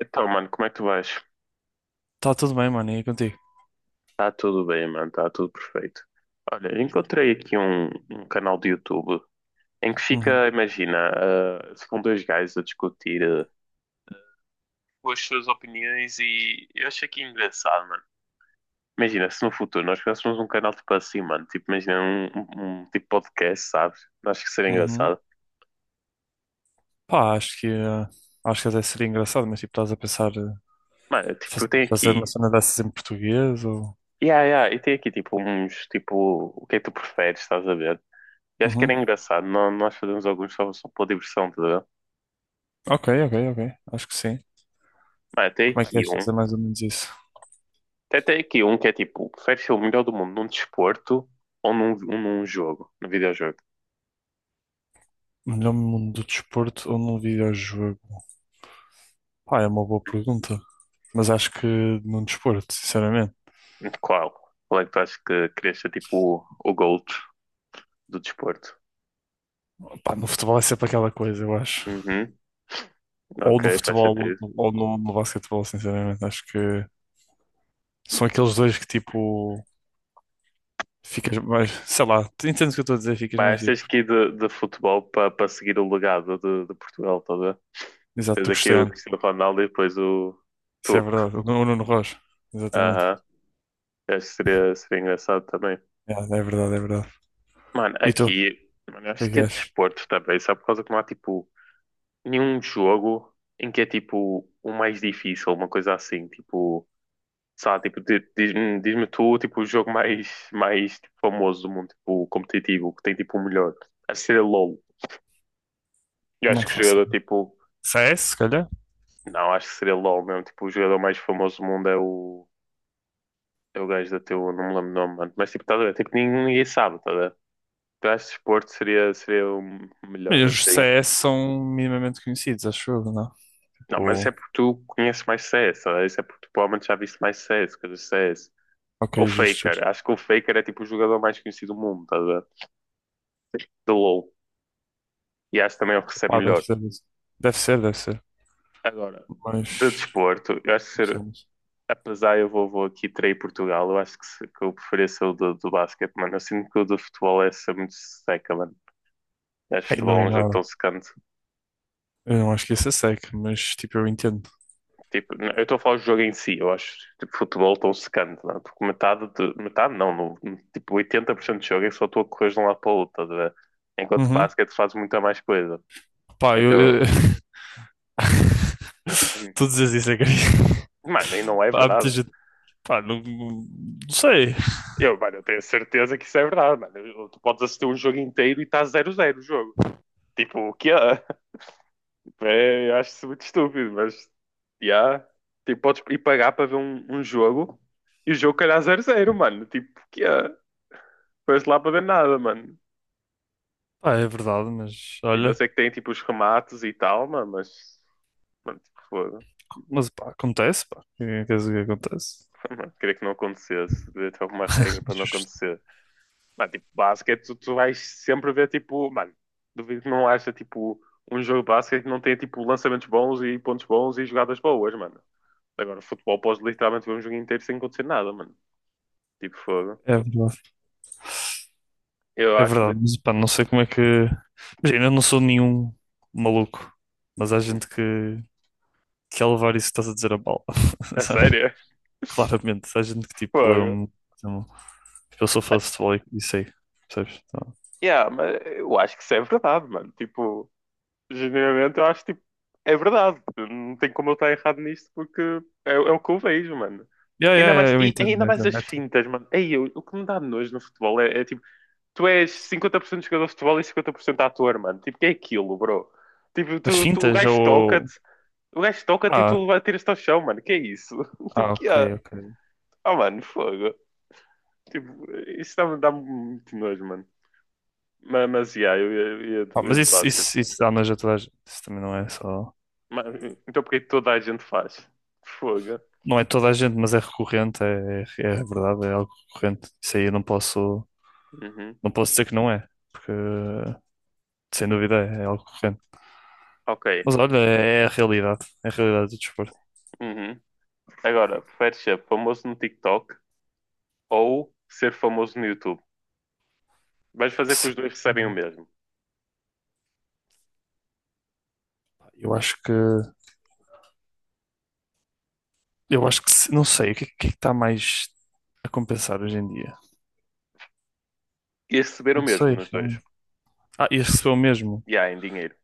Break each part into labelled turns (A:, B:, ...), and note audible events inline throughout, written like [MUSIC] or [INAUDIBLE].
A: Então, mano, como é que tu vais?
B: Tá tudo bem, mano, e contigo?
A: Tá tudo bem, mano, tá tudo perfeito. Olha, encontrei aqui um canal de YouTube em que fica,
B: Uhum.
A: imagina, ficam dois gajos a discutir com as suas opiniões e eu achei que engraçado, mano. Imagina, se no futuro nós criássemos um canal tipo assim, mano, tipo, imagina um tipo podcast, sabes? Acho que seria
B: Uhum.
A: engraçado.
B: Pá, acho que, acho que até seria engraçado, mas tipo, estás a pensar
A: Mano, tipo, tem
B: fazer
A: aqui,
B: uma cena dessas em português ou...
A: yeah, yeah, e tem aqui tipo uns, tipo, o que é que tu preferes, estás a ver? E acho que
B: Uhum.
A: era engraçado, nós fazemos alguns só, só por diversão, tá.
B: Ok, ok, ok, acho que sim.
A: Vai, até
B: Como é que
A: aqui
B: queres
A: um.
B: fazer mais ou menos isso?
A: Até aqui um que é tipo, prefere ser o melhor do mundo num desporto ou num, num jogo, num videojogo?
B: Melhor mundo do desporto ou num videojogo? Pá, é uma boa pergunta, mas acho que num desporto, sinceramente.
A: Qual? Qual é que tu achas que querias ser tipo o GOAT do desporto?
B: Pá, no futebol é sempre aquela coisa, eu acho.
A: Uhum,
B: Ou no
A: ok, faz
B: futebol ou
A: sentido.
B: no, ou no basquetebol, sinceramente. Acho que são aqueles dois que tipo. Ficas mais, sei lá, tu entendes o que eu estou a dizer, ficas mais
A: Mas tens
B: tipo,
A: que ir de futebol para seguir o legado de Portugal toda.
B: exato,
A: Tens
B: tu
A: aqui o
B: Cristiano,
A: Cristiano Ronaldo e depois o
B: isso é
A: tu.
B: verdade, o o Nuno Rocha, exatamente,
A: Aham, acho que seria, seria engraçado também.
B: é, é verdade, é verdade.
A: Mano,
B: E tu, o
A: aqui, mano, eu
B: que
A: acho
B: é que
A: que é
B: és?
A: desporto também, só por causa que não há tipo nenhum jogo em que é tipo o mais difícil, uma coisa assim, tipo, sabe, tipo, diz-me tu, tipo, o jogo mais, mais tipo, famoso do mundo, tipo, competitivo, que tem tipo o melhor. Acho que seria LOL. Eu acho
B: Não
A: que o
B: faço
A: jogador,
B: ideia.
A: tipo,
B: CS, se calhar?
A: não, acho que seria LOL mesmo, tipo, o jogador mais famoso do mundo é o, é o gajo da teu, não me lembro o nome, mano, mas tipo, tá, a ver? Tipo, ninguém, ninguém sabe, tá, a ver? Eu acho que desporto seria, seria o
B: Mas
A: melhor,
B: os C
A: assim.
B: S são minimamente conhecidos, acho eu, não?
A: Não, mas isso é
B: Pô,
A: porque tu conheces mais CS, tá a ver? Isso é porque tu provavelmente já viste mais CS, coisas de CS. O
B: ok, justo, justo.
A: Faker. Acho que o Faker é tipo o jogador mais conhecido do mundo, tá, de LoL. E acho que também é o que recebe
B: Pá, deve
A: melhor.
B: ser, isso. Deve ser, deve ser,
A: Agora, de
B: mas,
A: desporto, eu acho que
B: não sei,
A: ser,
B: mas-
A: apesar eu vou, vou aqui trair Portugal, eu acho que, que eu preferia ser o do, do basquete, mano. Eu sinto que o do futebol é ser muito seca, mano. Eu acho
B: Ei, não
A: futebol
B: é
A: é um jogo tão
B: nada.
A: secante.
B: Eu não acho que isso é sec, mas tipo, eu entendo.
A: Tipo, eu estou a falar do jogo em si, eu acho tipo, futebol tão secante, não é? Porque metade, de, metade não, no, tipo 80% do jogo é só tu a correr de um lado para o outro, estás a ver? Enquanto
B: Uhum.
A: basquete fazes muita mais coisa.
B: Pá, eu...
A: Então,
B: [LAUGHS] tu dizes isso, é que...
A: mano, e não é
B: [LAUGHS] Há muita
A: verdade.
B: gente. Pá, não, não sei.
A: Eu, mano, eu tenho certeza que isso é verdade, mano. Tu podes assistir um jogo inteiro e está zero zero o jogo. Tipo, o que [LAUGHS] é? É, eu acho isso muito estúpido, mas. Yeah. Tipo, podes ir pagar para ver um jogo e o jogo calhar zero zero mano. Tipo, o que é? Foste lá para ver nada, mano.
B: Pá, é verdade, mas
A: Tipo, eu
B: olha,
A: sei que tem tipo os remates e tal, mano, mas. Mano, tipo, foda.
B: mas pá, acontece, pá. O que é que queres dizer que acontece?
A: [LAUGHS] Mano, queria que não acontecesse. Devia ter alguma regra
B: [LAUGHS]
A: para não
B: Justo.
A: acontecer. Mano, tipo, basquete, tu vais sempre ver, tipo, mano, duvido que não haja, tipo, um jogo de basquete que não tenha, tipo, lançamentos bons e pontos bons e jogadas boas, mano. Agora, futebol, podes literalmente ver um jogo inteiro sem acontecer nada, mano. Tipo, fogo.
B: É verdade,
A: Eu
B: é
A: acho,
B: verdade, mas pá, não sei como é que. Imagina, eu não sou nenhum maluco, mas há
A: hum,
B: gente que é levar isso que estás a dizer a bala, [LAUGHS]
A: a
B: sabe?
A: sério? [LAUGHS]
B: Claramente, há gente que tipo
A: Fogo.
B: leva-me. Tipo, eu sou fã
A: Mano,
B: de futebol e sei, percebes? Então,
A: yeah, mas eu acho que isso é verdade, mano. Tipo, genuinamente, eu acho tipo, é verdade. Não tem como eu estar errado nisto porque é, é o que eu vejo, mano.
B: yeah, yeah,
A: Ainda
B: yeah,
A: mais,
B: eu
A: e
B: entendo,
A: ainda
B: eu
A: mais
B: entendo.
A: as
B: Né?
A: fintas, mano. Ei, o que me dá nojo no futebol é, é, tipo, tu és 50% jogador de futebol e 50% ator, mano. Tipo, que é aquilo, bro? Tipo,
B: As fintas ou.
A: o gajo toca-te e
B: Ah,
A: tu atiras-te ao chão, mano. Que é isso? [LAUGHS] Tipo,
B: ah,
A: que
B: ok,
A: é?
B: ok.
A: Ah, mano, fogo. Tipo, isso dá-me muito nojo, mano. Mas yeah, eu ia eu ia de
B: Ah,
A: eu ia
B: mas
A: de
B: isso,
A: basquete.
B: isso, isso anja toda a gente. Isso também não é só.
A: Mas, então, porque é toda a gente faz? Fogo.
B: Não é toda a gente, mas é recorrente, é, é, é verdade, é algo recorrente. Isso aí eu não posso,
A: Uhum.
B: não posso dizer que não é, porque sem dúvida é, é algo recorrente.
A: Ok.
B: Mas olha, é, é a realidade do desporto.
A: Uhum. Agora, preferes ser famoso no TikTok ou ser famoso no YouTube? Vais fazer que
B: Se-
A: os dois recebem o mesmo.
B: Eu acho que, eu acho que, se- não sei, o que é que está mais a compensar hoje em dia?
A: E receber o
B: Não
A: mesmo
B: sei,
A: nos dois.
B: realmente. Ah, e recebeu o mesmo.
A: E há em dinheiro.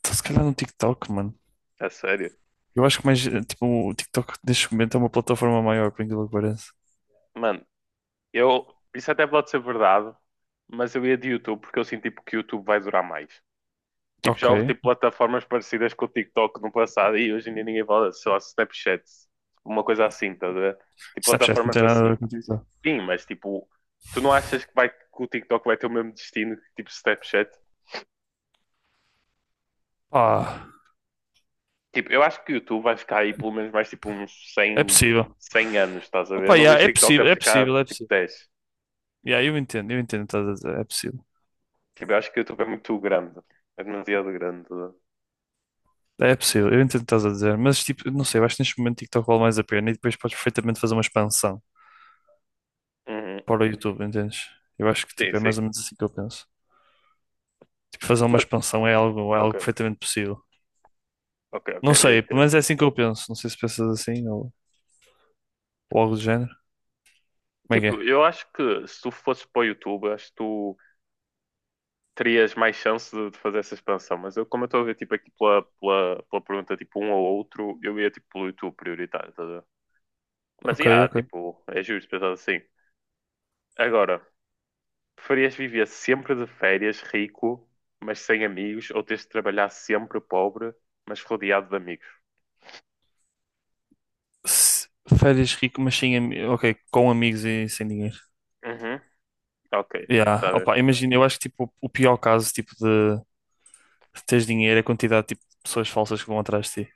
B: Então, se calhar no TikTok, mano.
A: A sério.
B: Eu acho que mais, tipo, o TikTok neste momento é uma plataforma maior, por incrível que pareça.
A: Mano, eu. Isso até pode ser verdade, mas eu ia de YouTube porque eu sinto tipo, que o YouTube vai durar mais. Tipo, já
B: Ok.
A: houve tipo, plataformas parecidas com o TikTok no passado e hoje em dia ninguém fala, só Snapchat. Uma coisa assim, tá a ver? Tipo,
B: Snapchat não
A: plataformas
B: tem nada a
A: assim.
B: ver com TikTok.
A: Sim, mas tipo, tu não achas que, vai, que o TikTok vai ter o mesmo destino que tipo Snapchat?
B: Pá,
A: Tipo, eu acho que o YouTube vai ficar aí pelo menos mais tipo uns
B: é
A: cem
B: possível.
A: cem anos, estás a ver? Eu
B: Opa,
A: não
B: yeah,
A: vejo
B: é
A: TikTok a
B: possível, é
A: ficar
B: possível, é
A: tipo
B: possível.
A: 10.
B: Yeah, eu entendo o que estás a dizer, é possível.
A: Tipo, eu acho que o YouTube é muito grande. É demasiado grande.
B: É possível, eu entendo o que estás a dizer, mas tipo, não sei, eu acho que neste momento TikTok vale mais a pena e depois podes perfeitamente fazer uma expansão
A: Uhum.
B: para o YouTube, entendes? Eu acho que
A: Sim,
B: tipo, é mais
A: sim.
B: ou menos assim que eu penso. Tipo, fazer uma
A: Mas,
B: expansão é
A: ok,
B: algo perfeitamente possível.
A: ok, ok,
B: Não
A: eu
B: sei, pelo
A: entendo.
B: menos é assim que eu penso. Não sei se pensas assim ou algo do género. Como é que
A: Tipo,
B: é?
A: eu acho que se tu fosses para o YouTube, acho que tu terias mais chance de fazer essa expansão. Mas eu, como eu estou a ver, tipo, aqui pela pergunta, tipo, um ou outro, eu ia, tipo, pelo YouTube prioritário, tá? Mas,
B: Ok,
A: yeah,
B: ok.
A: tipo, é justo pensar assim. Agora, preferias viver sempre de férias rico, mas sem amigos, ou teres de trabalhar sempre pobre, mas rodeado de amigos?
B: Se- Férias rico, mas sem, ami- ok, com amigos e sem dinheiro.
A: Uhum, ok,
B: Yeah.
A: tá bem,
B: Opa, imagina, eu acho que tipo, o pior caso tipo, de teres dinheiro é a quantidade tipo, de pessoas falsas que vão atrás de ti.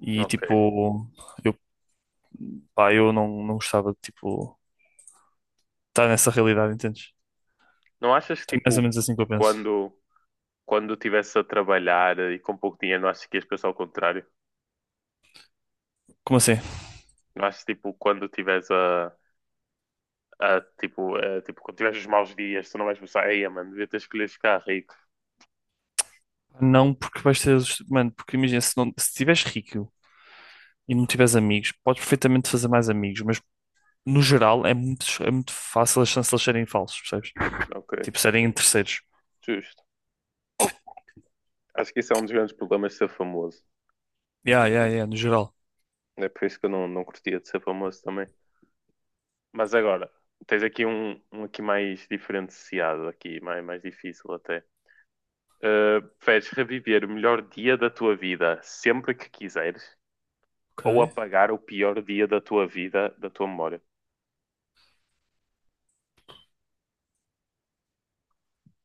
B: E
A: ok.
B: tipo, eu, pá, eu não, não gostava de tipo, estar nessa realidade, entendes?
A: Não achas que,
B: É mais ou
A: tipo,
B: menos assim que eu penso.
A: quando, quando estivesse a trabalhar e com pouco dinheiro, não achas que ias pensar ao contrário?
B: Como assim?
A: Não achas, tipo, quando estiveres a, tipo, quando tiveres os maus dias, tu não vais pensar, ei, mano, devia ter escolhido ficar rico.
B: Não porque vais ter. Os- Mano, porque imagina, se não, se estiveres rico e não tiveres amigos, podes perfeitamente fazer mais amigos, mas no geral é muito fácil as chances de eles serem falsos, percebes?
A: Ok,
B: Tipo, serem terceiros.
A: justo. Acho que isso é um dos grandes problemas de ser famoso.
B: Yeah, yeah, yeah, no geral.
A: É por isso que eu não, não curtia de ser famoso também. Mas agora, tens aqui um aqui mais diferenciado, aqui, mais, mais difícil até. Preferes reviver o melhor dia da tua vida sempre que quiseres ou
B: Ok.
A: apagar o pior dia da tua vida da tua memória?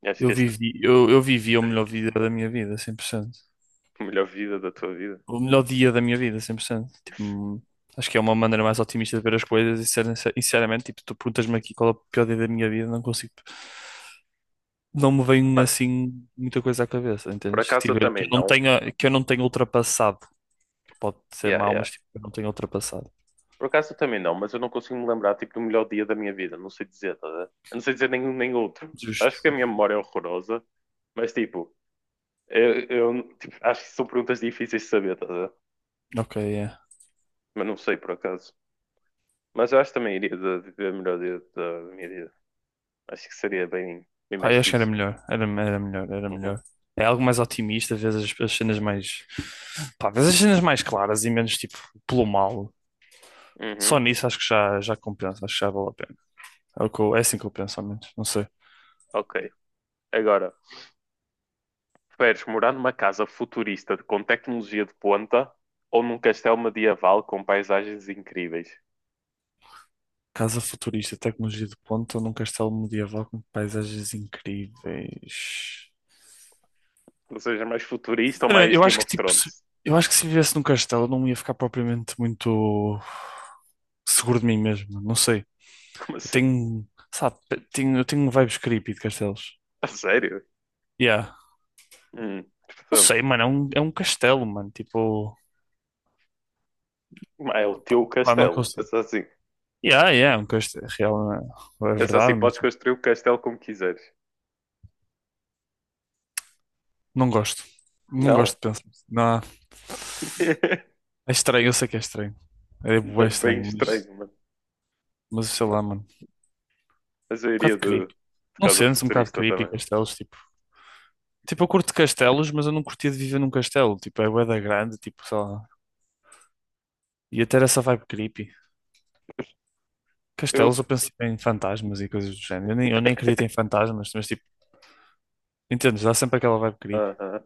A: Eu acho que
B: Eu
A: este
B: vivi, eu vivi o
A: é
B: melhor
A: difícil.
B: vida
A: [LAUGHS]
B: da minha vida, 100%.
A: O melhor vida da tua vida.
B: O melhor dia da minha vida, 100%. Tipo, acho que é uma maneira mais otimista de ver as coisas e, ser- sinceramente, tipo, tu perguntas-me aqui qual é o pior dia da minha vida, não consigo, tipo, não me vem
A: Mano,
B: assim muita coisa à cabeça,
A: por
B: entendes? Que,
A: acaso eu
B: tipo, que
A: também
B: eu não
A: não.
B: tenha, que eu não tenha ultrapassado. Pode ser
A: Yeah,
B: mau,
A: yeah.
B: mas tipo, eu não tenho ultrapassado.
A: Por acaso eu também não, mas eu não consigo me lembrar tipo, do melhor dia da minha vida. Não sei dizer, tá, a ver? Eu não sei dizer nenhum nem outro. Acho que
B: Justo.
A: a minha memória é horrorosa, mas tipo, eu, tipo, acho que são perguntas difíceis de saber, tá, a ver?
B: Ok, é.
A: Mas não sei por acaso. Mas eu acho que também iria de ver melhor da minha vida. Acho que seria bem, bem
B: Pá,
A: mais
B: eu acho que
A: fixe.
B: era melhor, era
A: Uhum.
B: melhor. É algo mais otimista, às vezes as, as cenas mais. Pá, às vezes as cenas mais claras e menos tipo pelo mal.
A: Uhum.
B: Só nisso acho que já, já compensa, acho que já vale a pena. É, o que eu- é assim que eu penso, ao menos, não sei.
A: Ok. Agora, preferes morar numa casa futurista com tecnologia de ponta ou num castelo medieval com paisagens incríveis?
B: Casa futurista, tecnologia de ponta num castelo medieval com paisagens incríveis.
A: Ou seja, mais futurista ou
B: Sinceramente,
A: mais
B: eu
A: Game
B: acho que
A: of
B: tipo, se-
A: Thrones?
B: eu acho que se vivesse num castelo eu não ia ficar propriamente muito seguro de mim mesmo, não sei.
A: [LAUGHS] Como
B: Eu
A: assim?
B: tenho, sabe, tenho, eu tenho vibes creepy de castelos.
A: A sério?
B: Yeah. Não
A: Portanto,
B: sei, mano, é um castelo, mano, tipo,
A: mas é o
B: pá,
A: teu
B: pá, não
A: castelo.
B: consigo.
A: Pensa assim.
B: Yeah, yeah, é um castelo, é real, é é
A: Pensa assim,
B: verdade, mas
A: podes
B: tipo,
A: construir o castelo como quiseres.
B: não gosto. Não gosto
A: Não,
B: de pensar. Não, é estranho, eu sei que é estranho. É bué
A: é bem
B: estranho,
A: estranho, mano.
B: mas sei lá, mano, um
A: Mas eu iria
B: bocado creepy.
A: de
B: Não
A: Casa
B: sentes um bocado
A: Futurista
B: creepy
A: também, mano.
B: castelos, tipo, tipo, eu curto castelos, mas eu não curtia de viver num castelo, tipo, é bué da grande, tipo, sei lá. E até era essa vibe creepy. Castelos,
A: Eu,
B: eu penso em fantasmas e coisas do género. Eu nem acredito em fantasmas, mas tipo, entendes? Dá sempre aquela vibe creepy.
A: aham.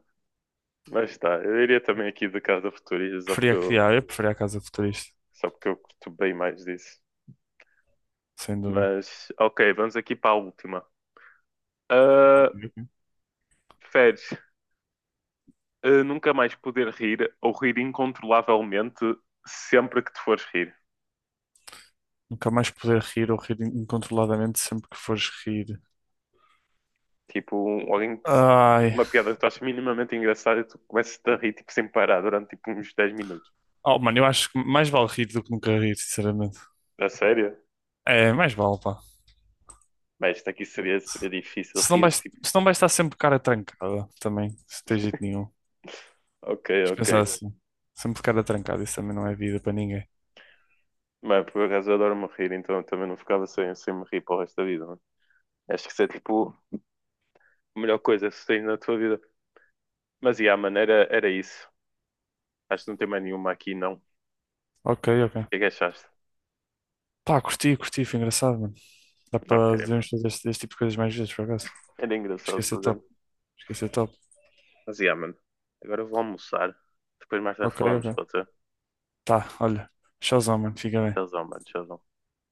A: Mas tá, eu iria também aqui de Casa Futurista,
B: Preferia criar, eu preferia a casa futurista,
A: só porque eu curto bem mais disso.
B: sem dúvida.
A: Mas, ok, vamos aqui para a última. Ah, Feres, nunca mais poder rir ou rir incontrolavelmente sempre que te fores rir.
B: Nunca mais poder rir ou rir incontroladamente sempre que fores rir.
A: Tipo, alguém te diz
B: Ai.
A: uma piada que tu achas minimamente engraçada e tu começas a rir tipo, sem parar durante tipo, uns 10 minutos.
B: Oh, mano, eu acho que mais vale rir do que nunca rir, sinceramente.
A: A sério?
B: É, mais vale, pá.
A: Bem, isto aqui seria, seria difícil
B: Se não
A: rir,
B: vais,
A: tipo,
B: se não vais estar sempre de cara trancada, também, se tens jeito nenhum.
A: ok,
B: Mas
A: ok.
B: pensar assim, sempre de cara trancada, isso também não é vida para ninguém.
A: Mas por acaso eu adoro-me rir, então eu também não ficava sem, sem me rir para o resto da vida, mano. Acho que isso é tipo a melhor coisa que tens na tua vida. Mas e a maneira era isso. Acho que não tem mais nenhuma aqui, não. O
B: Ok, ok.
A: que é que achaste?
B: Pá, curti, curti, foi engraçado, mano. Dá
A: Ok,
B: para
A: mano.
B: devemos fazer este, este tipo de coisas mais vezes, por acaso.
A: Era engraçado,
B: Esqueci
A: por
B: top.
A: exemplo.
B: Esqueci top.
A: Mas e yeah, mano. Agora eu vou almoçar. Depois mais tarde
B: Ok,
A: falamos,
B: ok.
A: pode ser?
B: Tá, olha. Tchauzão, mano. Fica bem.
A: Tchauzão, mano. Tchauzão.